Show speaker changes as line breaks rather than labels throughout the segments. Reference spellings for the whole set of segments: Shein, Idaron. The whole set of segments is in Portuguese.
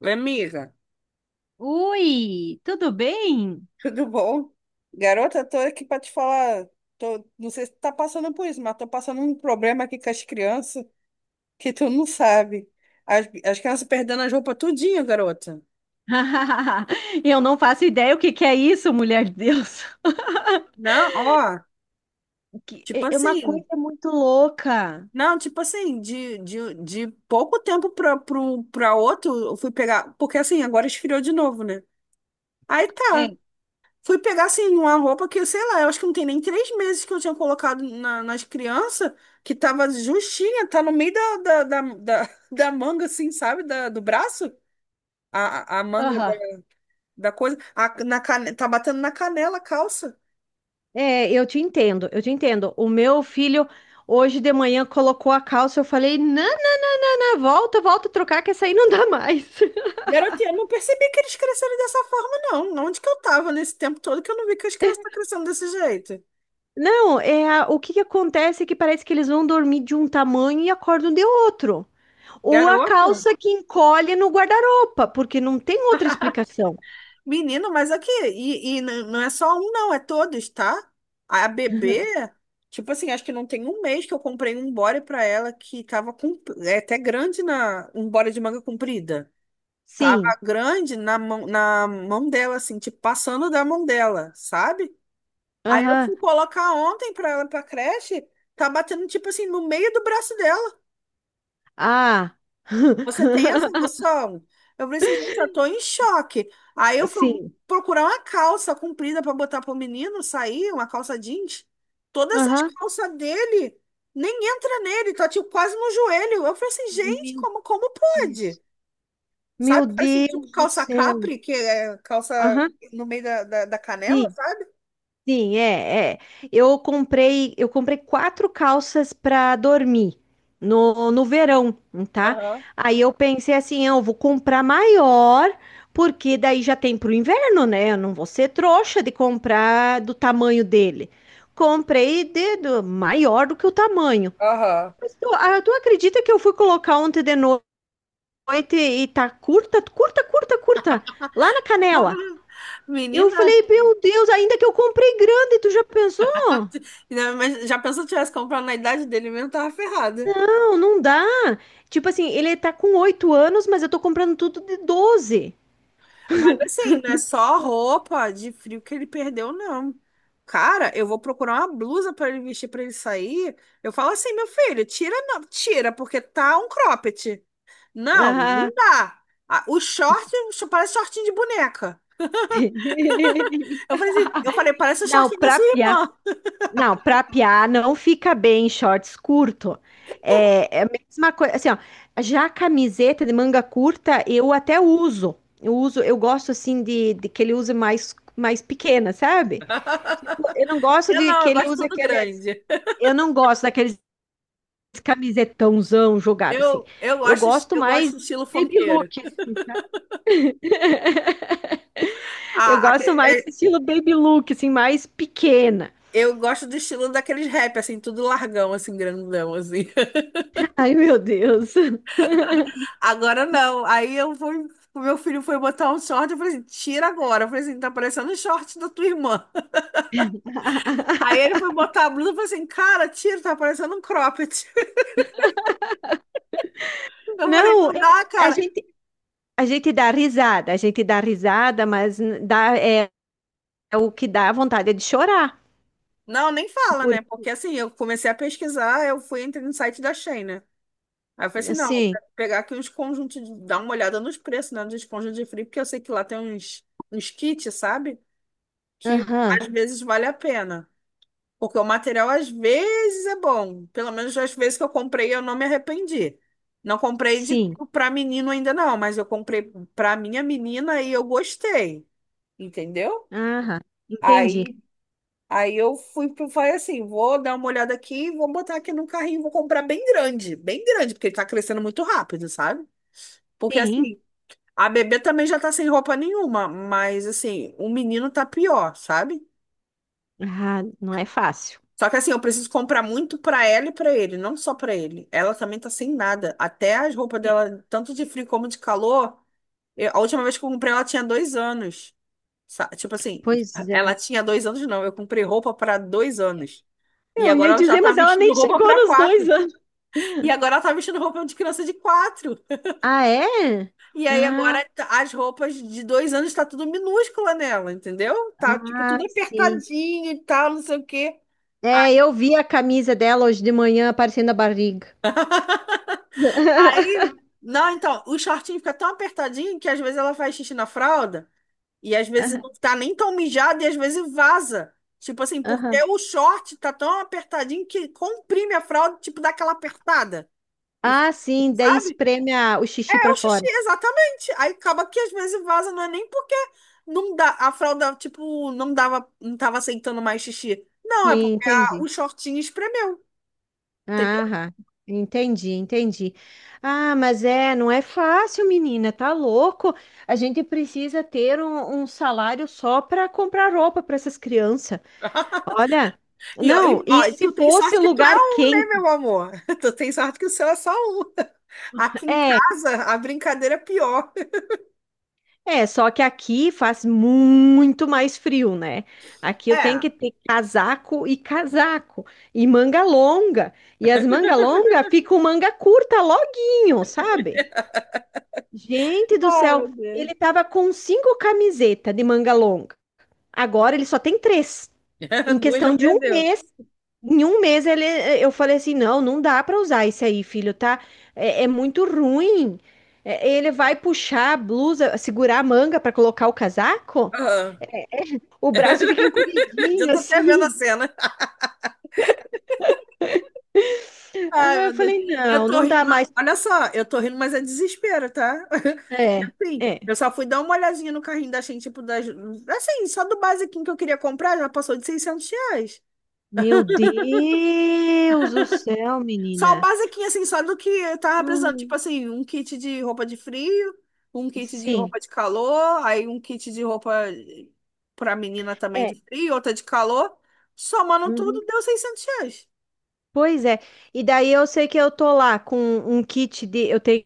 Oi, Amiga,
Oi, tudo bem?
tudo bom? Garota, tô aqui pra te falar. Tô, não sei se tu tá passando por isso, mas tô passando um problema aqui com as crianças que tu não sabe. As crianças perdendo as roupas tudinho, garota.
Eu não faço ideia o que que é isso, mulher de Deus.
Não, ó,
Que- É
tipo
é uma
assim.
coisa muito louca.
Não, tipo assim, de pouco tempo pra outro, eu fui pegar. Porque assim, agora esfriou de novo, né? Aí
É,
tá. Fui pegar, assim, uma roupa que, sei lá, eu acho que não tem nem 3 meses que eu tinha colocado nas crianças, que tava justinha, tá no meio da da manga, assim, sabe? Do braço. A manga
aham.
da coisa. Tá batendo na canela a calça.
É, eu te entendo, eu te entendo. O meu filho hoje de manhã colocou a calça, eu falei, não, não, não, não, não, volta, volta a trocar, que essa aí não dá mais.
Garota, eu não percebi que eles cresceram dessa forma, não. Onde que eu tava nesse tempo todo que eu não vi que as crianças estão crescendo desse jeito?
Não, é o que que acontece é que parece que eles vão dormir de um tamanho e acordam de outro. Ou a
Garota.
calça que encolhe no guarda-roupa, porque não tem outra explicação.
Menino, mas aqui, não é só um, não, é todos, tá? A bebê, tipo assim, acho que não tem um mês que eu comprei um body pra ela que tava com, é até grande na, um body de manga comprida. Tava
Sim.
grande na mão dela, assim, tipo, passando da mão dela, sabe? Aí eu
Aham.
fui colocar ontem pra ela pra creche, tá batendo, tipo assim, no meio do braço dela.
Ah.
Você tem essa noção? Eu falei assim, gente, eu tô em choque. Aí eu fui
Sim.
procurar uma calça comprida para botar pro menino sair, uma calça jeans. Todas as
Aham.
calças dele nem entra nele, tá tipo quase no joelho. Eu falei assim,
Meu
gente, como pode?
Deus.
Sabe?
Meu
Parece tipo
Deus do
calça
céu.
capri, que é calça
Aham.
no meio da da canela,
Sim.
sabe?
Sim, é, é. Eu comprei 4 calças para dormir no verão, tá?
Aham,
Aí eu pensei assim: "Ah, eu vou comprar maior, porque daí já tem pro inverno, né? Eu não vou ser trouxa de comprar do tamanho dele. Comprei maior do que o tamanho."
aham.
Mas tu acredita que eu fui colocar ontem de noite e tá curta, curta, curta, curta, lá na canela? Eu
Menina,
falei, meu Deus, ainda que eu comprei grande, tu já pensou?
mas já pensou que eu tivesse comprado na idade dele mesmo, eu tava ferrada.
Não, não dá. Tipo assim, ele tá com 8 anos, mas eu tô comprando tudo de 12.
Mas assim, não é só roupa de frio que ele perdeu, não. Cara, eu vou procurar uma blusa pra ele vestir pra ele sair. Eu falo assim, meu filho, tira, não, tira, porque tá um cropped. Não,
Ah,
não dá. Ah, parece shortinho de boneca. Eu falei assim, eu falei, parece o
não,
shortinho da
pra
sua irmã.
Não, pra piar não fica bem em shorts curto. É a mesma coisa, assim, ó, já a camiseta de manga curta eu até uso. Eu uso, eu gosto assim de que ele use mais pequena, sabe? Tipo, eu não gosto
Eu
de
não,
que
eu
ele
gosto
use
tudo
aqueles,
grande.
eu não gosto daqueles camisetãozão jogado assim.
Eu, eu
Eu
gosto,
gosto
eu gosto
mais
do estilo
baby
funkeiro.
look, assim. Eu
A, a-
gosto mais
é-
estilo baby look, assim, mais pequena.
eu gosto do estilo daqueles rap, assim, tudo largão, assim, grandão, assim.
Ai, meu Deus.
Agora não. Aí eu fui, o meu filho foi botar um short, eu falei assim, tira agora. Eu falei assim, tá parecendo um short da tua irmã. Aí ele foi botar a blusa, eu falei assim, cara, tira, tá parecendo um cropped. Eu falei,
Não,
não dá,
a
cara.
gente A gente dá risada, a gente dá risada, mas dá, é, é o que dá vontade é de chorar.
Não, nem fala, né?
Porque,
Porque assim, eu comecei a pesquisar, eu fui entrei no site da Shein, né? Aí eu falei assim, não, vou
assim,
pegar aqui uns conjuntos, dar uma olhada nos preços, né? Nos conjuntos de frio, porque eu sei que lá tem uns, uns kits, sabe? Que
aham,
às vezes vale a pena. Porque o material às vezes é bom. Pelo menos as vezes que eu comprei, eu não me arrependi. Não comprei de
sim,
Para menino ainda não, mas eu comprei para minha menina e eu gostei, entendeu?
aham, entendi.
Aí, aí eu fui falei assim, vou dar uma olhada aqui, e vou botar aqui no carrinho, vou comprar bem grande, porque ele tá crescendo muito rápido, sabe? Porque
Sim,
assim, a bebê também já tá sem roupa nenhuma, mas assim, o menino tá pior, sabe?
ah, não é fácil.
Só que assim, eu preciso comprar muito pra ela e pra ele, não só pra ele. Ela também tá sem nada. Até as roupas
É,
dela, tanto de frio como de calor, a última vez que eu comprei, ela tinha 2 anos. Tipo assim,
pois é.
ela tinha 2 anos, não. Eu comprei roupa pra 2 anos. E
Eu
agora
ia
ela já
dizer,
tá
mas ela
vestindo
nem
roupa
chegou
pra
nos dois
quatro.
anos.
E agora ela tá vestindo roupa de criança de quatro.
Ah, é?
E aí
Ah,
agora as roupas de 2 anos tá tudo minúscula nela, entendeu? Tá tipo
ah,
tudo
sim.
apertadinho e tal, não sei o quê.
É, eu vi a camisa dela hoje de manhã aparecendo a barriga.
Aí, não, então, o shortinho fica tão apertadinho que às vezes ela faz xixi na fralda e às vezes não
Aham.
tá nem tão mijada e às vezes vaza. Tipo assim, porque
Aham.
o short tá tão apertadinho que comprime a fralda, tipo, dá aquela apertada. E,
Ah, sim, daí
sabe?
espreme o xixi
É
pra
o xixi,
fora.
exatamente. Aí acaba que às vezes vaza, não é nem porque não dá, a fralda, tipo, não dava, não tava aceitando mais xixi. Não, é
Sim,
porque o
entendi.
shortinho espremeu.
Ah, entendi, entendi. Ah, mas é, não é fácil, menina, tá louco? A gente precisa ter um salário só para comprar roupa para essas crianças. Olha,
E, ó,
não,
e,
e
ó, e tu
se
tem
fosse
sorte que tu é
lugar
um, né,
quente?
meu amor? Tu tem sorte que o seu é só um. Aqui em
É,
casa, a brincadeira é pior.
é, só que aqui faz muito mais frio, né? Aqui eu tenho
É,
que ter casaco e casaco, e manga longa. E as manga longa ficam manga curta loguinho, sabe? Gente do
ai,
céu,
meu
ele
Deus.
tava com 5 camisetas de manga longa. Agora ele só tem 3. Em
Duas já
questão de um
perdeu.
mês, em um mês ele, eu falei assim, não, não dá pra usar isso aí, filho, tá? É, é muito ruim. É, ele vai puxar a blusa, segurar a manga pra colocar o casaco.
Aham.
É, é, o braço fica
Já
encolhidinho
tô até vendo a
assim.
cena. Ai,
Ah,
meu
eu
Deus.
falei,
Eu
não,
tô
não
rindo.
dá
Não,
mais.
olha só, eu tô rindo, mas é desespero, tá? Porque
É,
assim,
é.
eu só fui dar uma olhadinha no carrinho da Shein, tipo, das, assim, só do basiquinho que eu queria comprar, já passou de R$ 600.
Meu Deus do céu,
Só o
menina.
basiquinho, assim, só do que eu tava precisando. Tipo
Hum,
assim, um kit de roupa de frio, um kit de
sim.
roupa de calor, aí um kit de roupa pra menina também de
É.
frio, outra de calor. Somando
Uhum.
tudo, deu R$ 600.
Pois é. E daí eu sei que eu tô lá com um kit de. Eu tenho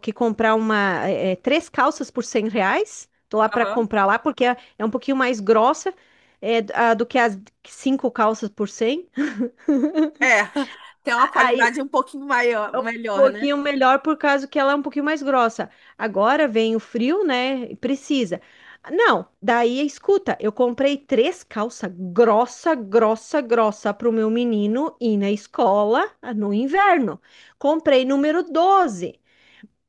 que comprar 3 calças por R$ 100. Tô lá para
Aham.
comprar lá, porque é um pouquinho mais grossa, do que as 5 calças por 100.
É, tem uma
Aí,
qualidade um pouquinho maior,
é um
melhor, né?
pouquinho melhor por causa que ela é um pouquinho mais grossa. Agora vem o frio, né? E precisa. Não, daí é escuta, eu comprei 3 calças grossa, grossa, grossa para o meu menino ir na escola, no inverno. Comprei número 12.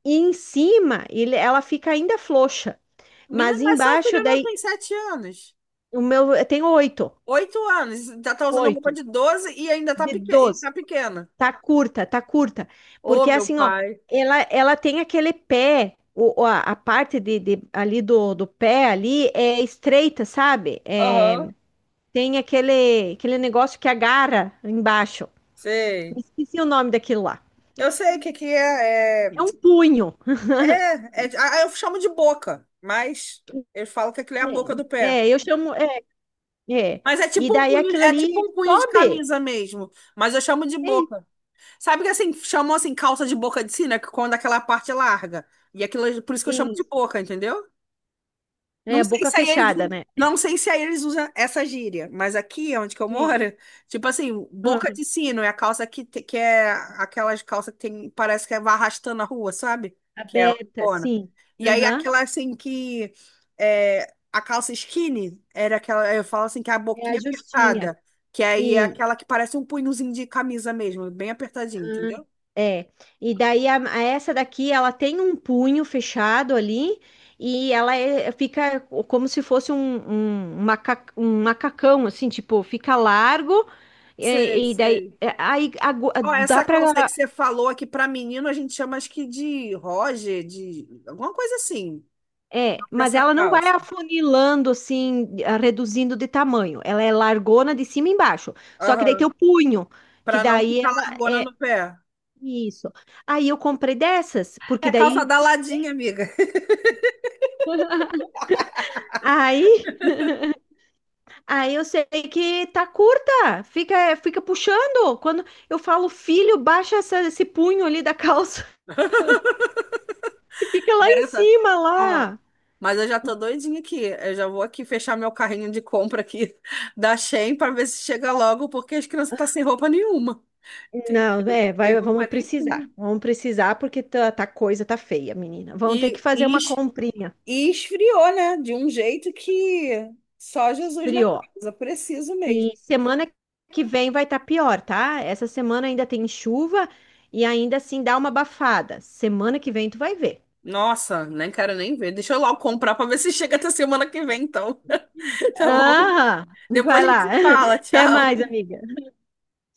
E em cima, ela fica ainda frouxa,
Menina,
mas
mas seu
embaixo
filho não
daí
tem 7 anos.
o meu tem oito,
8 anos, já tá usando roupa
oito
de 12 e ainda tá,
de
peque e
doze.
tá pequena.
Tá curta, tá curta.
Ô,
Porque
meu
assim, ó,
pai.
ela tem aquele pé, a parte ali do pé ali é estreita, sabe? É,
Aham.
tem aquele negócio que agarra embaixo.
Sei.
Esqueci o nome daquilo lá.
Eu sei o que que é. É.
É um punho.
Ah, eu chamo de boca, mas eu falo que aquilo é a boca do
É,
pé.
é, eu chamo. É, é.
Mas é
E
tipo um
daí
punho,
aquilo
é tipo
ali
um punho de
sobe.
camisa mesmo, mas eu chamo de
É,
boca. Sabe que assim, chamam assim calça de boca de sina, que quando aquela parte é larga. E aquilo, por isso que eu chamo de
isso.
boca, entendeu? Não
É,
sei
boca
se aí eles,
fechada, né?
não sei se aí eles usam essa gíria, mas aqui onde que eu
É.
moro, tipo assim, boca
Aham.
de sino é a calça que, que é aquelas calças que tem, parece que é vai arrastando a rua, sabe? Que é
Aberta,
largona.
sim.
E aí
Aham.
aquela assim que é, a calça skinny era aquela, eu falo assim, que é a
É a
boquinha
justinha.
apertada, que aí é aquela que parece um punhozinho de camisa mesmo, bem apertadinho,
Ah,
entendeu?
é, e daí a essa daqui ela tem um punho fechado ali e ela fica como se fosse um macacão, assim, tipo, fica largo
Sei,
e daí
sei. Ó,
dá
essa
para.
calça aí que você falou aqui para menino, a gente chama acho que de Roger, de alguma coisa assim,
É, mas
dessa
ela não vai
calça.
afunilando assim, reduzindo de tamanho. Ela é largona de cima e embaixo. Só que daí
Aham.
tem o punho, que
Para não
daí
ficar
ela
largona
é
no pé.
isso. Aí eu comprei dessas, porque
É calça
daí.
da ladinha, amiga.
Aí Aí eu sei que tá curta, fica puxando. Quando eu falo, filho, baixa esse punho ali da calça que fica lá em
Garota.
cima,
Ó.
lá.
Mas eu já tô doidinha aqui. Eu já vou aqui fechar meu carrinho de compra aqui da Shein para ver se chega logo, porque as crianças estão sem roupa nenhuma. Tem,
Não, é,
tem
vai,
roupa
vamos
nenhuma.
precisar. Vamos precisar porque tá coisa tá feia, menina. Vamos ter que
E,
fazer
e,
uma
es-
comprinha.
e esfriou, né? De um jeito que só Jesus na
Esfriou.
casa. Preciso
E
mesmo.
semana que vem vai estar pior, tá? Essa semana ainda tem chuva e ainda assim dá uma abafada. Semana que vem tu vai ver.
Nossa, nem quero nem ver. Deixa eu logo comprar pra ver se chega até semana que vem, então. Tá bom?
Ah,
Depois
vai
a gente
lá.
se fala.
Até
Tchau.
mais, amiga.